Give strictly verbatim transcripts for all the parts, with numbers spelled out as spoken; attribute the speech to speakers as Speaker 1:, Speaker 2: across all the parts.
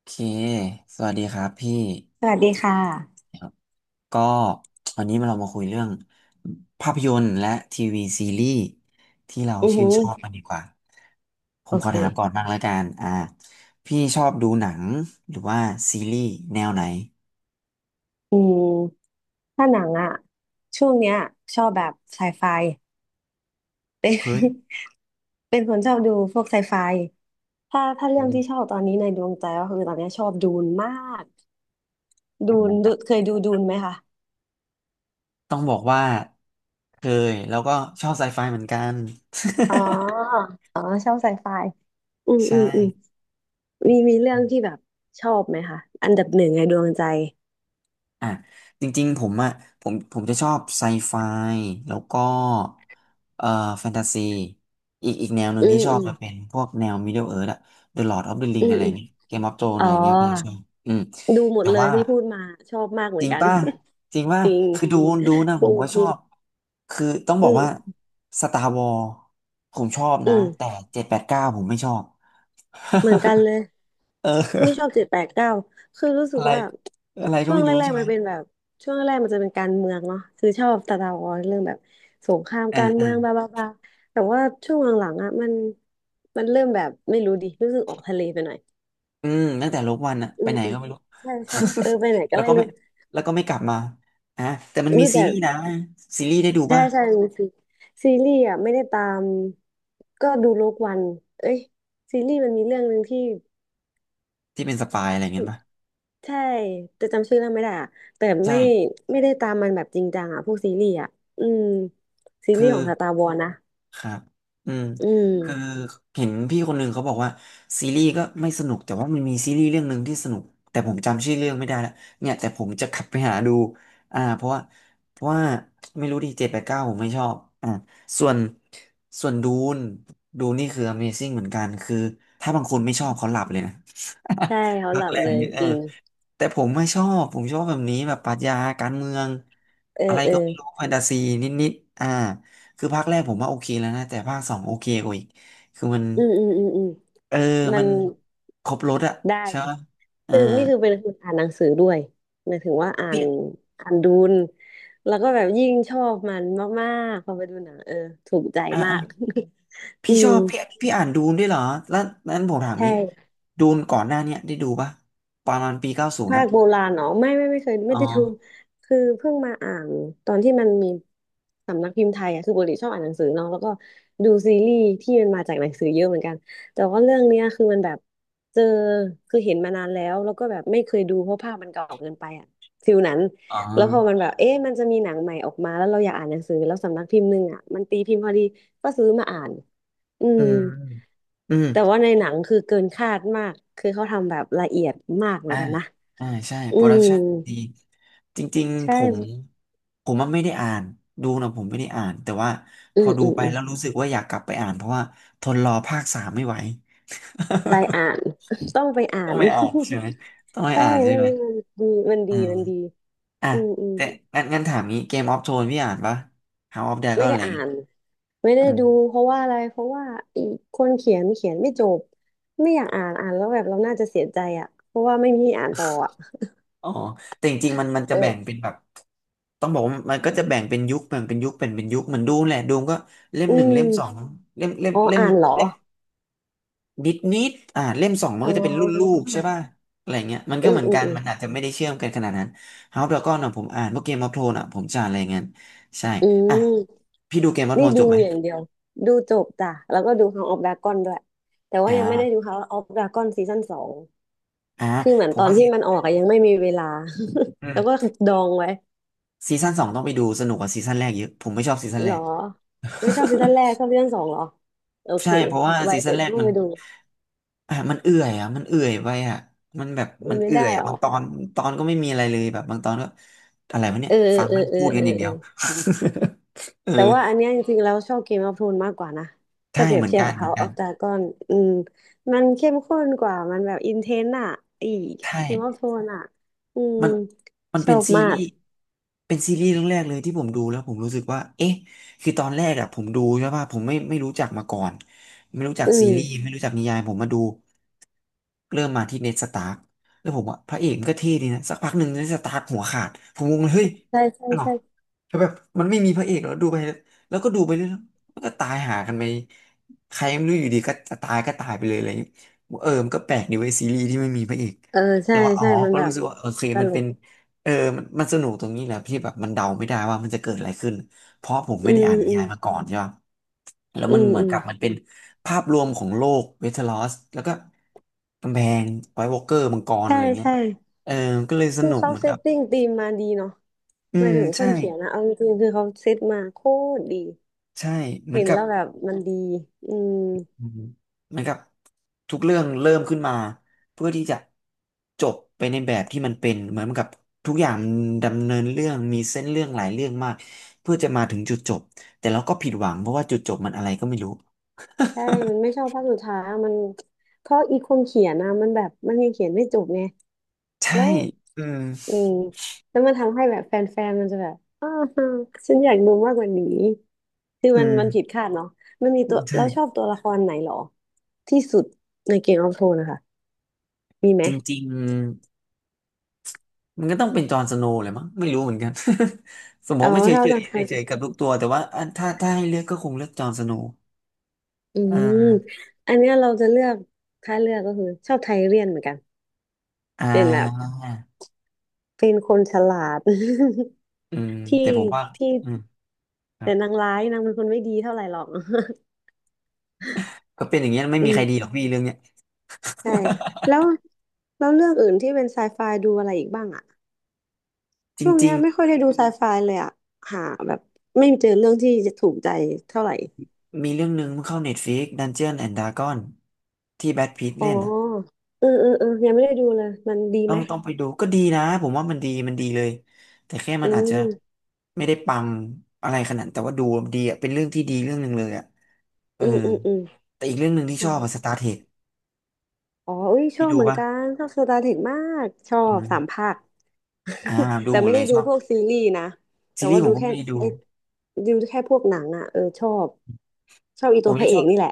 Speaker 1: โอเคสวัสดีครับพี่
Speaker 2: สวัสดีค่ะ
Speaker 1: ครับก็วันนี้เรามาคุยเรื่องภาพยนตร์และทีวีซีรีส์ที่เรา
Speaker 2: อือ
Speaker 1: ชื่
Speaker 2: หื
Speaker 1: น
Speaker 2: อ
Speaker 1: ชอบกันดีกว่า ผ
Speaker 2: โอ
Speaker 1: มขอ
Speaker 2: เค
Speaker 1: ถามก่อนบ้างแล้วกัน อ่าพี่ชอบดูหนังหรือว่าซีรีส์แนวไหน
Speaker 2: อืมถ้าหนังอะช่วงเนี้ยชอบแบบไซไฟเป็น
Speaker 1: เฮ้ย
Speaker 2: เป็นคนชอบดูพวกไซไฟถ้าถ้าเรื่
Speaker 1: อื
Speaker 2: องที่
Speaker 1: ม
Speaker 2: ชอบตอนนี้ในดวงใจก็คือตอนเนี้ยชอบดูนมากดูนดูเคยดูดูนไหมคะ
Speaker 1: ต้องบอกว่าเคยแล้วก็ชอบไซไฟเหมือนกัน
Speaker 2: อ๋อ อ๋อ ชอบไซไฟอืม
Speaker 1: ใช่
Speaker 2: อืมอืมมีมีเรื่องที่แบบชอบไหมคะอันดับหนึ่งในดวงใจ
Speaker 1: อ่ะจริงๆผมอ่ะผมผมจะชอบไซไฟแล้วก็เอ่อแฟนตาซีอีกอีกแนวหนึ่
Speaker 2: อื
Speaker 1: งที่
Speaker 2: ม
Speaker 1: ชอ
Speaker 2: อื
Speaker 1: บ
Speaker 2: ม
Speaker 1: จะเป็นพวกแนว Middle Earth อะ The Lord of the
Speaker 2: อื
Speaker 1: Ring
Speaker 2: ม
Speaker 1: อะไร
Speaker 2: อืม
Speaker 1: เงี้ย Game of Thrones
Speaker 2: อ๋อ
Speaker 1: อะไรเงี้ยผมชอบอืม
Speaker 2: ดูหม
Speaker 1: แต่
Speaker 2: ดเลย
Speaker 1: ว่า
Speaker 2: ที่พูดมาชอบมากเห
Speaker 1: จ
Speaker 2: มือ
Speaker 1: ริ
Speaker 2: น
Speaker 1: ง
Speaker 2: กัน
Speaker 1: ป่ะจริง ป่ะ
Speaker 2: จริง
Speaker 1: คือดูดูนะ
Speaker 2: จ
Speaker 1: ผมก็ชอ
Speaker 2: ริง
Speaker 1: บคือต้องบ
Speaker 2: อื
Speaker 1: อกว่า
Speaker 2: ม
Speaker 1: Star Wars ผมชอบนะ
Speaker 2: อืม
Speaker 1: แต่เจ็ดแปดเก้าผมไม่ชอบ
Speaker 2: เหมือนกันเลย
Speaker 1: เออ
Speaker 2: ไม่ชอบ เจ็ดแปดเก้าคือรู้สึ
Speaker 1: อะ
Speaker 2: ก
Speaker 1: ไร
Speaker 2: ว่า
Speaker 1: อะไรก็
Speaker 2: ช่วง
Speaker 1: ไม่
Speaker 2: แร
Speaker 1: รู้
Speaker 2: ก
Speaker 1: ใช่ไห
Speaker 2: ๆ
Speaker 1: ม
Speaker 2: มันเป็นแบบช่วงแรกๆมันจะเป็นการเมืองเนาะคือชอบตาตาออนเรื่องแบบสงครามการ
Speaker 1: อ่า
Speaker 2: เมืองบาบาบาแต่ว่าช่วงหลังๆอ่ะมันมันเริ่มแบบไม่รู้ดิรู้สึกออกทะเลไปหน่อย
Speaker 1: อืมตั้งแต่ลบวันอะ
Speaker 2: อื
Speaker 1: ไป
Speaker 2: ม
Speaker 1: ไหน
Speaker 2: อืม
Speaker 1: ก็ไม่รู้
Speaker 2: ใช่ใช่เออไปไหน ก็
Speaker 1: แล้ว
Speaker 2: ไม่
Speaker 1: ก็ไม่
Speaker 2: รู้
Speaker 1: แล้วก็ไม่กลับมาอ่ะแต่มัน
Speaker 2: อุ้
Speaker 1: มี
Speaker 2: ย
Speaker 1: ซี
Speaker 2: แต่
Speaker 1: รีส์นะซีรีส์ได้ดู
Speaker 2: ใช่
Speaker 1: ป่ะ
Speaker 2: ใช่มีซีซีรีส์อ่ะไม่ได้ตามก็ดูโลกวันเอ้ยซีรีส์มันมีเรื่องหนึ่งที่
Speaker 1: ที่เป็นสปายอะไรเงี้ยป่ะ
Speaker 2: ใช่แต่จำชื่อเรื่องไม่ได้อะแต่ไม่
Speaker 1: ใช่
Speaker 2: ไม่ได้ตามมันแบบจริงจังอ่ะพวกซีรีส์อ่ะอืมซีรี
Speaker 1: คื
Speaker 2: ส์ข
Speaker 1: อ
Speaker 2: องสตาร์วอ s นะ
Speaker 1: ครับอืม
Speaker 2: อื
Speaker 1: คือ
Speaker 2: ม
Speaker 1: เห็นพี่คนหนึ่งเขาบอกว่าซีรีส์ก็ไม่สนุกแต่ว่ามันมีซีรีส์เรื่องหนึ่งที่สนุกแต่ผมจำชื่อเรื่องไม่ได้และเนี่ยแต่ผมจะขับไปหาดูอ่าเพราะว่าเพราะว่าไม่รู้ดิเจ็ดแปดเก้าผมไม่ชอบอ่าส่วนส่วนดูนดูนนี่คือ Amazing เหมือนกันคือถ้าบางคนไม่ชอบเขาหลับเลยนะ
Speaker 2: ใช่เขา
Speaker 1: นั
Speaker 2: ห
Speaker 1: ก
Speaker 2: ลับ
Speaker 1: แร
Speaker 2: เล
Speaker 1: ง
Speaker 2: ย
Speaker 1: นี่เอ
Speaker 2: จ
Speaker 1: อ
Speaker 2: ริง
Speaker 1: แต่ผมไม่ชอบ ผมชอบแบบนี้แบบปรัชญาการเมือง
Speaker 2: เออ
Speaker 1: อะไร
Speaker 2: เออ
Speaker 1: ก็ไม่รู้แฟนตาซีนิดๆอ่าคือภาคแรกผมว่าโอเคแล้วนะแต่ภาคสองโอเคกว่าอีก คือมัน
Speaker 2: อืมอืมอืมอืม
Speaker 1: เออ
Speaker 2: มั
Speaker 1: มั
Speaker 2: น
Speaker 1: นครบรสอะ
Speaker 2: ได้
Speaker 1: ใช่ไหม อ่า
Speaker 2: คือนี่คือเป็นคนอ่านหนังสือด้วยหมายถึงว่าอ่า
Speaker 1: พี่
Speaker 2: นอ่านดูนแล้วก็แบบยิ่งชอบมันมากๆพอไปดูหนังเออถูกใจ
Speaker 1: อ่า
Speaker 2: มา
Speaker 1: อ่า
Speaker 2: ก อื
Speaker 1: พี่ช
Speaker 2: ม
Speaker 1: อบพี่พี่อ่านดูนด้วยเหรอ แล้วนั้นผมถาม
Speaker 2: ใ
Speaker 1: งี้
Speaker 2: ช่
Speaker 1: ดูนก่อนหน้าเนี้ยได้ดูปะประมาณปีเก้าศูนย์
Speaker 2: ภา
Speaker 1: นะ
Speaker 2: คโบราณเนาะไม่ไม่ไม่เคย
Speaker 1: อ๋
Speaker 2: ไม่
Speaker 1: อ
Speaker 2: ได้ดูคือเพิ่งมาอ่านตอนที่มันมีสำนักพิมพ์ไทยอ่ะคือปกติชอบอ่านหนังสือเนาะแล้วก็ดูซีรีส์ที่มันมาจากหนังสือเยอะเหมือนกันแต่ว่าเรื่องเนี้ยคือมันแบบเจอคือเห็นมานานแล้วแล้วก็แบบไม่เคยดูเพราะภาพมันเก่าเกินไปอ่ะฟิลนั้น
Speaker 1: อ๋อ
Speaker 2: แล้วพอมันแบบเอ๊ะมันจะมีหนังใหม่ออกมาแล้วเราอยากอ่านหนังสือแล้วสำนักพิมพ์หนึ่งอ่ะมันตีพิมพ์พอดีก็ซื้อมาอ่านอื
Speaker 1: อื
Speaker 2: ม
Speaker 1: มอืม
Speaker 2: แต่ว่าในหนังคือเกินคาดมากคือเขาทำแบบละเอียดมากเหมือ
Speaker 1: อ่า
Speaker 2: นกันนะ
Speaker 1: อ่าใช่
Speaker 2: อื
Speaker 1: โปรดัก
Speaker 2: ม
Speaker 1: ชั่นดีจริงๆผ
Speaker 2: ใช่
Speaker 1: มผมว่าไม่ได้อ่านดูนะผมไม่ได้อ่านแต่ว่าพ
Speaker 2: อื
Speaker 1: อ
Speaker 2: ม
Speaker 1: ดู
Speaker 2: อืม
Speaker 1: ไป
Speaker 2: อืม
Speaker 1: แล้วรู้สึกว่าอยากกลับไปอ่านเพราะว่าทนรอภาคสามไม่ไหว
Speaker 2: ไปอ่าน ต้องไป อ่า
Speaker 1: ต้อง
Speaker 2: น
Speaker 1: ไปอ่านใช่ไหมต้อง ไป
Speaker 2: ใช่
Speaker 1: อ่านใช่
Speaker 2: เรื่อง
Speaker 1: ไหม
Speaker 2: นี้มันดีมัน
Speaker 1: อื
Speaker 2: ดี
Speaker 1: ม
Speaker 2: มันดี
Speaker 1: อ่ะ
Speaker 2: อืมอืม
Speaker 1: แต่งั้นงั้นถามงี้เกมออฟโทนพี่อ่านปะ House of
Speaker 2: ไม่
Speaker 1: Dragon อะ
Speaker 2: ได้
Speaker 1: ไรอย่า
Speaker 2: อ่า
Speaker 1: งงี้
Speaker 2: น ไม่ได้
Speaker 1: อ่า
Speaker 2: ดู เพราะว่าอะไรเพราะว่าอีกคนเขียนเขียนไม่จบ ไม่อยากอ่านอ่านแล้วแบบเราน่าจะเสียใจอ่ะเพราะว่าไม่มีที่อ่านต่ออ่ะ
Speaker 1: อ๋อแต่จริงๆมันมันจะ
Speaker 2: เอ
Speaker 1: แบ่ง
Speaker 2: อ
Speaker 1: เป็นแบบต้องบอกว่ามันก็จะแบ่งเป็นยุคแบ่งเป็นยุคแบ่งเป็นยุคเหมือนดูมแหละดูมก็เล่ม
Speaker 2: อื
Speaker 1: หนึ่งเล่มสอง
Speaker 2: ม
Speaker 1: เล่มเล่ม
Speaker 2: อ๋อ
Speaker 1: เล่ม
Speaker 2: อ่านเหรอ
Speaker 1: เล่ม ดิดนิดอ่าเล่มสองมัน
Speaker 2: อ๋
Speaker 1: ก็จะเป็นรุ่นลู
Speaker 2: อ
Speaker 1: กใช่ป่ะอะไรเงี้ยมัน
Speaker 2: อื
Speaker 1: ก็เห
Speaker 2: ม
Speaker 1: มือน
Speaker 2: อื
Speaker 1: กั
Speaker 2: ม
Speaker 1: น
Speaker 2: อืม
Speaker 1: มันอาจจะไม่ได้เชื่อมกันขนาดนั้น House of Dragon อ่ะผมอ่านพวกเกมออฟโทนอ่ะผมจะอ่านอะไรเงี้ยใช่
Speaker 2: อื
Speaker 1: อ่ะ
Speaker 2: ม
Speaker 1: พี่ดูเกมออฟโท
Speaker 2: นี่
Speaker 1: นจ
Speaker 2: ดู
Speaker 1: บไหม
Speaker 2: อย่างเดียวดูจบจ้ะแล้วก็ดู House of Dragon ด้วยแต่ว่า
Speaker 1: อ่า
Speaker 2: ยังไม่ได้ดู House of Dragon ซีซั่นสอง
Speaker 1: อ่า
Speaker 2: คือเหมือ
Speaker 1: ผ
Speaker 2: น
Speaker 1: ม
Speaker 2: ตอน
Speaker 1: ว่าซี
Speaker 2: ที่มันออกอะยังไม่มีเวลา
Speaker 1: อื
Speaker 2: แล้
Speaker 1: ม
Speaker 2: วก็ดองไว้
Speaker 1: ซีซั่นสองต้องไปดูสนุกกว่าซีซั่นแรกเยอะผมไม่ชอบซีซั่น
Speaker 2: หร
Speaker 1: แร
Speaker 2: อ
Speaker 1: ก
Speaker 2: ไม่ชอบซีซั่นแรกชอบซีซั่นสองหรอโอเค
Speaker 1: ใช่เพราะว่า
Speaker 2: ไว้
Speaker 1: ซีซั่
Speaker 2: เดี๋
Speaker 1: น
Speaker 2: ยว
Speaker 1: แรก
Speaker 2: ต้อ
Speaker 1: มั
Speaker 2: ง
Speaker 1: น
Speaker 2: ไปดู
Speaker 1: อ่ะมันเอื่อยอ่ะมันเอื่อยไปอ่ะมันแบบ
Speaker 2: มั
Speaker 1: มั
Speaker 2: น
Speaker 1: น
Speaker 2: ไม่
Speaker 1: เอื่อ
Speaker 2: ได้
Speaker 1: ยอ่ะ
Speaker 2: หร
Speaker 1: บา
Speaker 2: อ
Speaker 1: งตอนตอนก็ไม่มีอะไรเลยแบบบางตอนก็อะไรวะเนี่ย
Speaker 2: เออ
Speaker 1: ฟัง
Speaker 2: เออ
Speaker 1: มัน
Speaker 2: เออ
Speaker 1: พูดกั
Speaker 2: เอ
Speaker 1: นอ
Speaker 2: อ
Speaker 1: ย่าง
Speaker 2: เอ
Speaker 1: เดี
Speaker 2: อ
Speaker 1: ยว เออ
Speaker 2: แต่ว่าอันเนี้ยจริงๆแล้วชอบเกมออฟโทนมากกว่านะ
Speaker 1: ใช่
Speaker 2: ถ้าเปรีย
Speaker 1: เห
Speaker 2: บ
Speaker 1: มือน
Speaker 2: เทียบ
Speaker 1: กัน
Speaker 2: กับ
Speaker 1: เหมือน
Speaker 2: House
Speaker 1: กัน
Speaker 2: of Dragon อืมมันเข้มข้นกว่ามันแบบอินเทนอะอี
Speaker 1: ใช
Speaker 2: เกมออฟ
Speaker 1: ่
Speaker 2: โทนอะอืม
Speaker 1: มันมัน
Speaker 2: ช
Speaker 1: เป็
Speaker 2: อ
Speaker 1: น
Speaker 2: บ
Speaker 1: ซี
Speaker 2: มา
Speaker 1: รี
Speaker 2: ก
Speaker 1: ส์เป็นซีรีส์เรื่องแรกเลยที่ผมดูแล้วผมรู้สึกว่าเอ๊ะคือตอนแรกอะผมดูใช่ป่ะผมไม่ไม่รู้จักมาก่อนไม่รู้จัก
Speaker 2: อื
Speaker 1: ซีรีส์
Speaker 2: ม
Speaker 1: ไม่รู้จักนิยายผมมาดู เริ่มมาที่เน d สตาร์กแล้วผมว่าพระเอกมันก็เท่ดีนะสักพักหนึ่งเน d สตาร์กหัวขาดผมงงเลยเฮ้ย
Speaker 2: ใช่ใช่
Speaker 1: อ้าว
Speaker 2: ใช่
Speaker 1: แล้วแบบมันไม่มีพระเอกแล้วดูไปแล้วก็ดูไปเรื่อยๆมันก็ตายหากันไปใครไม่รู้อยู่ดีก็จะตายก็ตายไปเลยอะไรอย่างเงี้ยเออมันก็แปลกดีเว้ยซีรีส์ที่ไม่มีพระเอก
Speaker 2: เออใช่
Speaker 1: แต่ว่าอ๋อ
Speaker 2: ใช่มัน
Speaker 1: ก็
Speaker 2: แบ
Speaker 1: รู้
Speaker 2: บ
Speaker 1: สึกว่าโอเค
Speaker 2: ต
Speaker 1: มัน
Speaker 2: ล
Speaker 1: เป็
Speaker 2: ก
Speaker 1: นเออมันมันสนุกตรงนี้แหละพี่แบบมันเดาไม่ได้ว่ามันจะเกิดอะไรขึ้นเพราะผม
Speaker 2: อื
Speaker 1: ไม่ได้
Speaker 2: ม
Speaker 1: อ่านนิ
Speaker 2: อืม
Speaker 1: ยายมาก่อนใช่ป่ะ แล้ว
Speaker 2: อื
Speaker 1: มัน
Speaker 2: ม
Speaker 1: เหมือ
Speaker 2: อื
Speaker 1: น
Speaker 2: ม
Speaker 1: กั
Speaker 2: อื
Speaker 1: บมัน
Speaker 2: ม
Speaker 1: เป็นภาพรวมของโลกเวทลอรอสแล้วก็กำแพงไวท์วอล์กเกอร์มังกรอะ
Speaker 2: ใช่
Speaker 1: ไรเงี้ย
Speaker 2: ใช่
Speaker 1: เออก็เลยส
Speaker 2: คือ
Speaker 1: นุก
Speaker 2: เขา
Speaker 1: เหมือน
Speaker 2: เซ
Speaker 1: กั
Speaker 2: ต
Speaker 1: บ
Speaker 2: ติ้งธีมมาดีเนาะ
Speaker 1: อื
Speaker 2: หมาย
Speaker 1: ม
Speaker 2: ถึงค
Speaker 1: ใช่
Speaker 2: นเขียนนะเอาจริงๆคือเขาเซตมาโคตรดี
Speaker 1: ใช่เหมือ
Speaker 2: เห็
Speaker 1: น
Speaker 2: น
Speaker 1: กับ
Speaker 2: แล้วแบบมันดีอืม
Speaker 1: อืมเหมือนกับทุกเรื่องเริ่มขึ้นมาเพื่อที่จะจบไปในแบบที่มันเป็นเหมือนกับทุกอย่างดำเนินเรื่องมีเส้นเรื่องหลายเรื่องมากเพื่อจะมาถึงจุดจบแต่เราก็ผิดหวังเพราะว่าจุดจบมันอะไรก็ไม่รู้
Speaker 2: ใช่มันไม่ชอบภาคสุดท้ายอะมันเพราะอีคนเขียนนะมันแบบมันยังเขียนไม่จบไง
Speaker 1: ใช่
Speaker 2: แล้ว
Speaker 1: อืม
Speaker 2: อืมแล้วมันทำให้แบบแฟนๆมันจะแบบอ้าวฉันอยากดูมากกว่านี้คือมั
Speaker 1: อื
Speaker 2: น
Speaker 1: ม
Speaker 2: มันผิดคาดเนาะมันมีตัว
Speaker 1: ใช่
Speaker 2: เราชอบตัวละครไหนหรอที่สุดในเกมออฟโธนนะคะมีไหม
Speaker 1: จริงๆมันก็ต้องเป็นจอห์นสโนว์เลยมั้งไม่รู้เหมือนกัน สมม
Speaker 2: อ๋อ
Speaker 1: ติไม่เฉย
Speaker 2: ถ้าจะ
Speaker 1: ๆเฉยๆกับทุกตัวแต่ว่าอ่ะถ้าถ้าให้เลือกก็คงเลือกจอห์นสโนว์
Speaker 2: อื
Speaker 1: อ่
Speaker 2: ม
Speaker 1: า
Speaker 2: อันเนี้ยเราจะเลือกถ้าเลือกก็คือชอบไทเรียนเหมือนกัน
Speaker 1: อ่า
Speaker 2: เป็นแบบเป็นคนฉลาด
Speaker 1: อืม
Speaker 2: ที่
Speaker 1: แต่ผมว่า
Speaker 2: ที่
Speaker 1: อืมครั
Speaker 2: แต่
Speaker 1: บ
Speaker 2: นางร้ายนางเป็นคนไม่ดีเท่าไหร่หรอก
Speaker 1: ก็เป็นอย่างเงี้ยไม่
Speaker 2: อื
Speaker 1: มีใครดี
Speaker 2: ม
Speaker 1: หรอกพี่เรื่องเนี้ย
Speaker 2: ใช่แล้วแล้วเรื่องอื่นที่เป็นไซไฟดูอะไรอีกบ้างอะ
Speaker 1: จ
Speaker 2: ช่วง
Speaker 1: ริ
Speaker 2: เนี้ย
Speaker 1: ง
Speaker 2: ไม่ค่อยได้ดูไซไฟเลยอะหาแบบไม่เจอเรื่องที่จะถูกใจเท่าไหร่
Speaker 1: ๆมีเรื่องหนึ่งมันเข้า Netflix Dungeon and Dragon ที่แบทพีท
Speaker 2: อ๋อ
Speaker 1: เล่นอะ
Speaker 2: เออเออเออยังไม่ได้ดูเลยมันดี
Speaker 1: ต้อ
Speaker 2: ไหม
Speaker 1: งต้องไปดูก็ดีนะผมว่ามันดีมันดีเลยแต่แค่มั
Speaker 2: อื
Speaker 1: นอาจจะ
Speaker 2: ม
Speaker 1: ไม่ได้ปังอะไรขนาดนั้นแต่ว่าดูดีอ่ะเป็นเรื่องที่ดีเรื่องหนึ่งเลยอ่ะเอ
Speaker 2: อื
Speaker 1: อ
Speaker 2: มอืมอืม
Speaker 1: แต่อีกเรื่องหนึ่งที่
Speaker 2: อ๋อ
Speaker 1: ชอบอะสตาร์เทค
Speaker 2: อ๋ออุ้ยช
Speaker 1: พี่
Speaker 2: อบ
Speaker 1: ดู
Speaker 2: เหมือน
Speaker 1: ป่ะ
Speaker 2: กัน ชอบสตาร์เทคมากชอ
Speaker 1: อื
Speaker 2: บสาม
Speaker 1: ม
Speaker 2: ภาค
Speaker 1: อ่า ดู
Speaker 2: แต่
Speaker 1: หมด
Speaker 2: ไม่
Speaker 1: เล
Speaker 2: ได้
Speaker 1: ยช
Speaker 2: ดู
Speaker 1: อบ
Speaker 2: พวกซีรีส์นะ แต่
Speaker 1: ซีรี
Speaker 2: ว่า
Speaker 1: ส์ผ
Speaker 2: ดู
Speaker 1: มก็
Speaker 2: แค่
Speaker 1: ไม่ได้ดู
Speaker 2: ไอ้ดูแค่พวกหนังอ่ะเออชอบชอบอี
Speaker 1: ผ
Speaker 2: ตั
Speaker 1: ม
Speaker 2: วพ
Speaker 1: จะ
Speaker 2: ระเอ
Speaker 1: ชอ
Speaker 2: ก
Speaker 1: บ
Speaker 2: นี่แหละ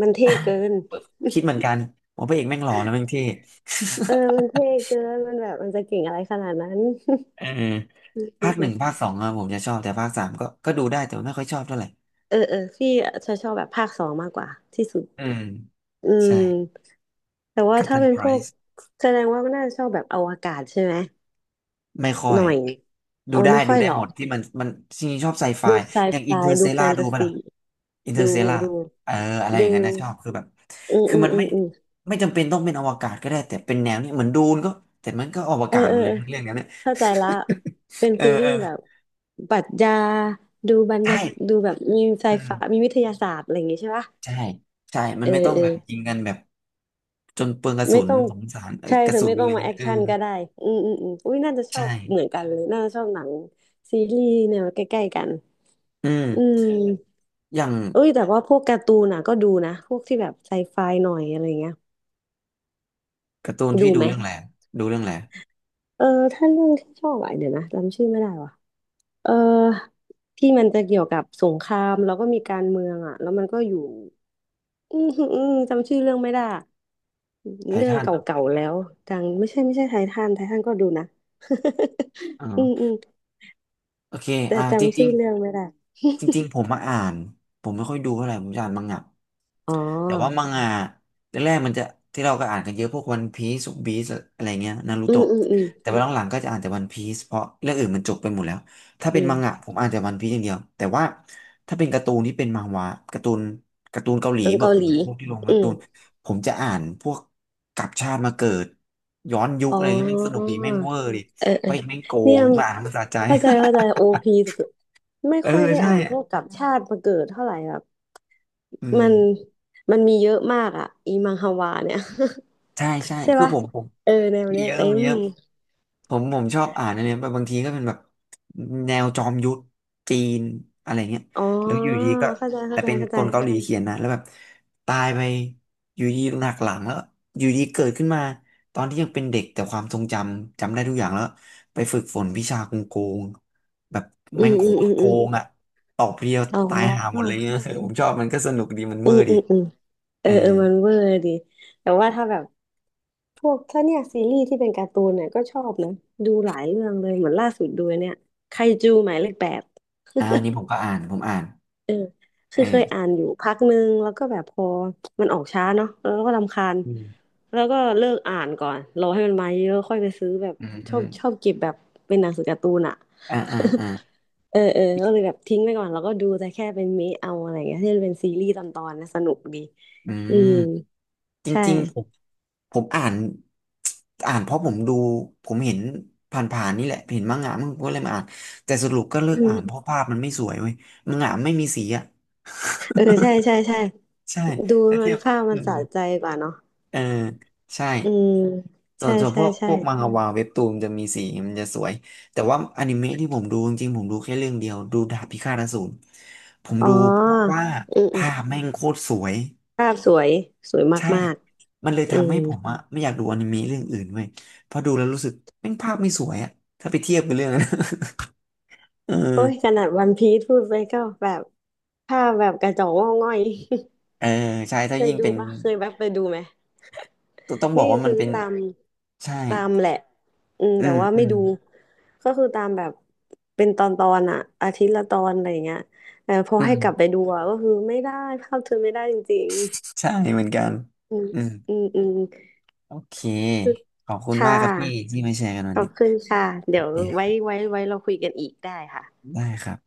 Speaker 2: มันเท่เกิน
Speaker 1: คิดเหมือนกันผมพระเอกแม่งหล่อแล้วแม่งเท่
Speaker 2: เออมันเท่เกินมันแบบมันจะเก่งอะไรขนาดนั้น
Speaker 1: เออ ภาค
Speaker 2: จ
Speaker 1: ห
Speaker 2: ริ
Speaker 1: นึ่ง
Speaker 2: ง
Speaker 1: ภาคสองอะผมจะชอบแต่ภาคสามก็ก็ดูได้แต่ว่าไม่ค่อยชอบเท่าไหร่
Speaker 2: ๆเออเออพี่จะชอบแบบภาคสองมากกว่าที่สุด
Speaker 1: อืม
Speaker 2: อื
Speaker 1: ใช่
Speaker 2: มแต่ว่า
Speaker 1: กัป
Speaker 2: ถ้า
Speaker 1: ตัน
Speaker 2: เป็น
Speaker 1: ไพร
Speaker 2: พวกแสดงว่าก็น่าจะชอบแบบอวกาศใช่ไหม
Speaker 1: ไม่ค่อ
Speaker 2: ห
Speaker 1: ย
Speaker 2: น่อย
Speaker 1: ดู
Speaker 2: เอา
Speaker 1: ได้
Speaker 2: ไม่ค่
Speaker 1: ดู
Speaker 2: อย
Speaker 1: ได้
Speaker 2: หรอ
Speaker 1: หม
Speaker 2: ก
Speaker 1: ดที่มันมันจริงๆชอบไซไฟ
Speaker 2: ดูไซ
Speaker 1: อย่าง
Speaker 2: ไฟ
Speaker 1: อินเ r อร์เซ
Speaker 2: ดูแฟ
Speaker 1: ล่า
Speaker 2: น
Speaker 1: ดู
Speaker 2: ตา
Speaker 1: ป่ะล่ะ
Speaker 2: ซี
Speaker 1: อินเ r อ
Speaker 2: ดู
Speaker 1: ร์เซล่า
Speaker 2: ดู
Speaker 1: เอออะไรอย่า
Speaker 2: ดู
Speaker 1: งนั้นนะชอบคือแบบ
Speaker 2: อืม
Speaker 1: คือ
Speaker 2: อืม
Speaker 1: มัน
Speaker 2: อื
Speaker 1: ไม่
Speaker 2: มอืม
Speaker 1: ไม่จำเป็นต้องเป็นอวกาศก็ได้แต่เป็นแนวนี้เหมือนดูนก็แต่มันก็อว
Speaker 2: เออ
Speaker 1: กาศห
Speaker 2: เอ
Speaker 1: ม
Speaker 2: อ
Speaker 1: ดเล
Speaker 2: เอ
Speaker 1: ย
Speaker 2: อ
Speaker 1: เรื่องเนี้ยเนี่ย
Speaker 2: เข้าใจละเป็น
Speaker 1: เออ
Speaker 2: ฟีล
Speaker 1: เอ
Speaker 2: ลิ่
Speaker 1: อ
Speaker 2: งแบบปรัชญาดูบรร
Speaker 1: ใช่
Speaker 2: ยาดูแบบมีไซ
Speaker 1: อื
Speaker 2: ไฟ
Speaker 1: ม
Speaker 2: มีวิทยาศาสตร์อะไรอย่างงี้ใช่ปะ
Speaker 1: ใช่ใช่มั
Speaker 2: เอ
Speaker 1: น
Speaker 2: อ
Speaker 1: ไม่ต้อง
Speaker 2: เออ
Speaker 1: แบบยิงกันแบบจนเปลืองกระ
Speaker 2: ไม่
Speaker 1: สุน
Speaker 2: ต้อง
Speaker 1: สงสารเออ
Speaker 2: ใช่
Speaker 1: กระ
Speaker 2: เธอ
Speaker 1: สุน
Speaker 2: ไม่
Speaker 1: อะ
Speaker 2: ต้อ
Speaker 1: ไร
Speaker 2: งมาแอ
Speaker 1: เงี้ย
Speaker 2: ค
Speaker 1: เออ
Speaker 2: ชั่นก็ได้อืมอืมอืมอุ้ยน่าจะชอ
Speaker 1: ใช่
Speaker 2: บเหมือนกันเลยน่าจะชอบหนังซีรีส์แนวใกล้ๆกัน
Speaker 1: อืม
Speaker 2: อืม
Speaker 1: อย่าง
Speaker 2: เอ้ยแต่ว่าพวกการ์ตูนน่ะก็ดูนะพวกที่แบบไซไฟหน่อยอะไรเงี้ย
Speaker 1: การ์ตูนที่
Speaker 2: ดู
Speaker 1: ดู
Speaker 2: ไหม
Speaker 1: เรื่องอะไรดูเรื่องอะไร
Speaker 2: เออถ้าเรื่องที่ชอบอะเดี๋ยวนะจำชื่อไม่ได้ว่ะ เออที่มันจะเกี่ยวกับสงครามแล้วก็มีการเมืองอ่ะแล้วมันก็อยู่อืมอืมจำชื่อเรื่องไม่ได้
Speaker 1: ไท
Speaker 2: เรื่อง
Speaker 1: ทัน
Speaker 2: เก
Speaker 1: เหร
Speaker 2: ่าๆแล้วดังไม่ใช่ไม่ใช่ไททันไททันก็ดูนะ อืมอื
Speaker 1: อ
Speaker 2: ม
Speaker 1: โอเค
Speaker 2: แต่
Speaker 1: อ่าจ
Speaker 2: จำ
Speaker 1: ริ
Speaker 2: ชื่
Speaker 1: ง
Speaker 2: อเรื่องไม่ได้
Speaker 1: ๆจริงๆผมมาอ่านผมไม่ค่อยดูเท่าไหร่ผมจะอ่านมังงะ
Speaker 2: อ๋อ
Speaker 1: แต่ว่ามังงะแรกๆมันจะที่เราก็อ่านกันเยอะพวกวันพีซ u บีสอะไรเงี้ยนารู
Speaker 2: อืม
Speaker 1: โตะ
Speaker 2: อืมอืม
Speaker 1: แต่ว่าหลังๆก็จะอ่านแต่วันพีซเพราะเรื่องอื่นมันจบไปหมดแล้วถ้าเป็
Speaker 2: อื
Speaker 1: นมังงะ
Speaker 2: ม
Speaker 1: ผมอ่านแต่วันพีซอย่างเดียวแต่ว่าถ้าเป็นการ์ตูนที่เป็นมังหวะการ์ตูนการ์ตูนเกาหลี
Speaker 2: เป็น
Speaker 1: แบบ
Speaker 2: เกาหลี
Speaker 1: พวกที่ลง
Speaker 2: อื
Speaker 1: การ์ตู
Speaker 2: ม
Speaker 1: นผมจะอ่านพวกกลับชาติมาเกิดย้อนยุค
Speaker 2: อ๋
Speaker 1: อะไรเงี้ยแม่งสนุก
Speaker 2: อ
Speaker 1: ดีแม่งเวอร์ดิ
Speaker 2: เออ
Speaker 1: เพ
Speaker 2: เออ
Speaker 1: ราะอีกแม่งโก
Speaker 2: เนี่ย
Speaker 1: งมาอ่านแล้วมันสะใจ
Speaker 2: เข้าใจเข้าใจโอพีสุดๆไม่
Speaker 1: เออ
Speaker 2: ค่อยได้
Speaker 1: ใช่
Speaker 2: อ่านพ
Speaker 1: อะ
Speaker 2: วกกับชาติมาเกิดเท่าไหร่อะ
Speaker 1: อืม
Speaker 2: มันมันมีเยอะมากอ่ะอีมังฮวาเนี่ย
Speaker 1: ใช่ใช่
Speaker 2: ใช่
Speaker 1: คือ
Speaker 2: ปะ
Speaker 1: ผมผม
Speaker 2: เออแนว
Speaker 1: มี
Speaker 2: เนี้ย
Speaker 1: เยอะ
Speaker 2: เต็
Speaker 1: มี
Speaker 2: ม
Speaker 1: เยอะผมผมชอบอ่านอะไรแบบบางทีก็เป็นแบบแนวจอมยุทธจีนอะไรเงี้ย
Speaker 2: อ๋อ
Speaker 1: แล้วอยู่ดีก็
Speaker 2: เข้าใจเข้า
Speaker 1: แต่
Speaker 2: ใจ
Speaker 1: เป็น
Speaker 2: เข้าใจ
Speaker 1: คนเกาหลีเขียนนะแล้วแบบตายไปอยู่ดีหนักหลังแล้วอยู่ดีเกิดขึ้นมาตอนที่ยังเป็นเด็กแต่ความทรงจำจำได้ทุกอย่างแล้วไปฝึกฝนวิชาโกงโกงแบบ
Speaker 2: อื
Speaker 1: แม่ง
Speaker 2: ม
Speaker 1: โค
Speaker 2: อืม
Speaker 1: ต
Speaker 2: อื
Speaker 1: ร
Speaker 2: ม
Speaker 1: โก
Speaker 2: อืม
Speaker 1: งอ่ะตอบเดียว
Speaker 2: อ๋อ
Speaker 1: ตายหาห
Speaker 2: อ
Speaker 1: มดเลยเนี่ย ผมชอบมันก็สนุกดีมัน
Speaker 2: ื
Speaker 1: เมื่อ
Speaker 2: ม
Speaker 1: ดี
Speaker 2: อืมอืมเอ
Speaker 1: เอ
Speaker 2: อ
Speaker 1: อ
Speaker 2: เออมันเวอร์ดีแต่ว่าถ้าแบบพวกถ้าเนี่ยซีรีส์ที่เป็นการ์ตูนเนี่ยก็ชอบนะดูหลายเรื่องเลยเหมือนล่าสุดดูเนี่ยไคจูหมายเลขแปด
Speaker 1: อ่าอันนี้ผมก็อ่านผมอ่าน
Speaker 2: เออ
Speaker 1: เอ
Speaker 2: คือเคยอ่า
Speaker 1: อ
Speaker 2: นอยู่พักหนึ่งแล้วก็แบบพอมันออกช้าเนาะแล้วก็รำคาญ
Speaker 1: อืม
Speaker 2: แล้วก็เลิกอ่านก่อนรอให้มันมาเยอะค่อยไปซื้อแบบ
Speaker 1: อืม
Speaker 2: ช
Speaker 1: อื
Speaker 2: อ
Speaker 1: ม
Speaker 2: บชอบเก็บแบบเป็นหนังสือการ์ตูนอะ
Speaker 1: อ่าอ่าอ่า
Speaker 2: เออเออก็เลยแบบทิ้งไปก่อนแล้วก็ดูแต่แค่เป็นเมะเอาอะไรเงี้ยที่เป็นซีรีส์ตอนตอนนะสนุกดี
Speaker 1: อื
Speaker 2: อืม
Speaker 1: มจ
Speaker 2: ใช่
Speaker 1: ริงๆผมๆผมอ่าน อ่านเพราะผมดู ผมเห็นผ่านๆนี่แหละ เห็นมังงะมั่งผมก็เลยมาอ่านแต่สรุปก็เลิก
Speaker 2: อื
Speaker 1: อ่านเพ
Speaker 2: ม
Speaker 1: ราะภาพมันไม่สวยเว้ยมังงะไม่มีสีอ่ะ
Speaker 2: เออใช่ใช่ใช่
Speaker 1: ใช่
Speaker 2: ดู
Speaker 1: แต่
Speaker 2: มั
Speaker 1: เที
Speaker 2: น
Speaker 1: ยบ
Speaker 2: ภาพมันสะใจกว่าเนาะ
Speaker 1: เออใช่
Speaker 2: อืม
Speaker 1: ส่
Speaker 2: ใช่
Speaker 1: วนส่วนพ
Speaker 2: ใช่
Speaker 1: วกพ
Speaker 2: ใช่
Speaker 1: วกมังฮวาเว็บตูนจะมีสีมันจะสวยแต่ว่าอนิเมะที่ผมดูจริงๆผมดูแค่เรื่องเดียวดูดาบพิฆาตอสูรผม
Speaker 2: อ๋อ
Speaker 1: ดูเพราะว่า
Speaker 2: อืมอืม
Speaker 1: ภาพแม่งโคตรสวย
Speaker 2: ภาพสวยสวย
Speaker 1: ใช่
Speaker 2: มาก
Speaker 1: มันเลย
Speaker 2: ๆ อื
Speaker 1: ทำ
Speaker 2: ม
Speaker 1: ให้ผมอะไม่อยากดูอนิเมะเรื่องอื่นเว้ยเพราะดูแล้วรู้สึกแม่งภาพไม่สวยอะถ้าไปเทียบกับเรื่องนั้น เอ
Speaker 2: โอ้ยข
Speaker 1: อ
Speaker 2: นาดวันพีซพูดไปก็แบบภาพแบบกระจอกงอกง่อย
Speaker 1: เออใช่ ถ้า
Speaker 2: เคย
Speaker 1: ยิ่ง
Speaker 2: ดู
Speaker 1: เป็น
Speaker 2: ปะเคยแบบไปดูไหม
Speaker 1: ต้องต้องบอ
Speaker 2: นี่
Speaker 1: กว่ามั
Speaker 2: คื
Speaker 1: น
Speaker 2: อ
Speaker 1: เป็น
Speaker 2: ตาม
Speaker 1: ใช่
Speaker 2: ตามแหละอืม
Speaker 1: อื
Speaker 2: แต่
Speaker 1: ม
Speaker 2: ว่า
Speaker 1: อื
Speaker 2: ไม่
Speaker 1: ม
Speaker 2: ดูก็คือตามแบบเป็นตอนตอนอะอาทิตย์ละตอนอะไรอย่างเงี้ยแต่พอ
Speaker 1: อื
Speaker 2: ให้
Speaker 1: ม
Speaker 2: กลับไปดูอะก็คือไม่ได้ภาพเธอไม่ได้จริง
Speaker 1: ใช่เหมือนกัน
Speaker 2: ๆอืม
Speaker 1: อืม
Speaker 2: อืมอืม
Speaker 1: โอเค ขอบคุณ
Speaker 2: ค่ะ
Speaker 1: มากครับพี่ที่มาแชร์กันวั
Speaker 2: ข
Speaker 1: น
Speaker 2: อ
Speaker 1: นี้
Speaker 2: บคุณค่ะเดี๋ยว
Speaker 1: ดีค
Speaker 2: ไว้
Speaker 1: รับ
Speaker 2: ไว้ไว้เราคุยกันอีกได้ค่ะ
Speaker 1: ได้ครับ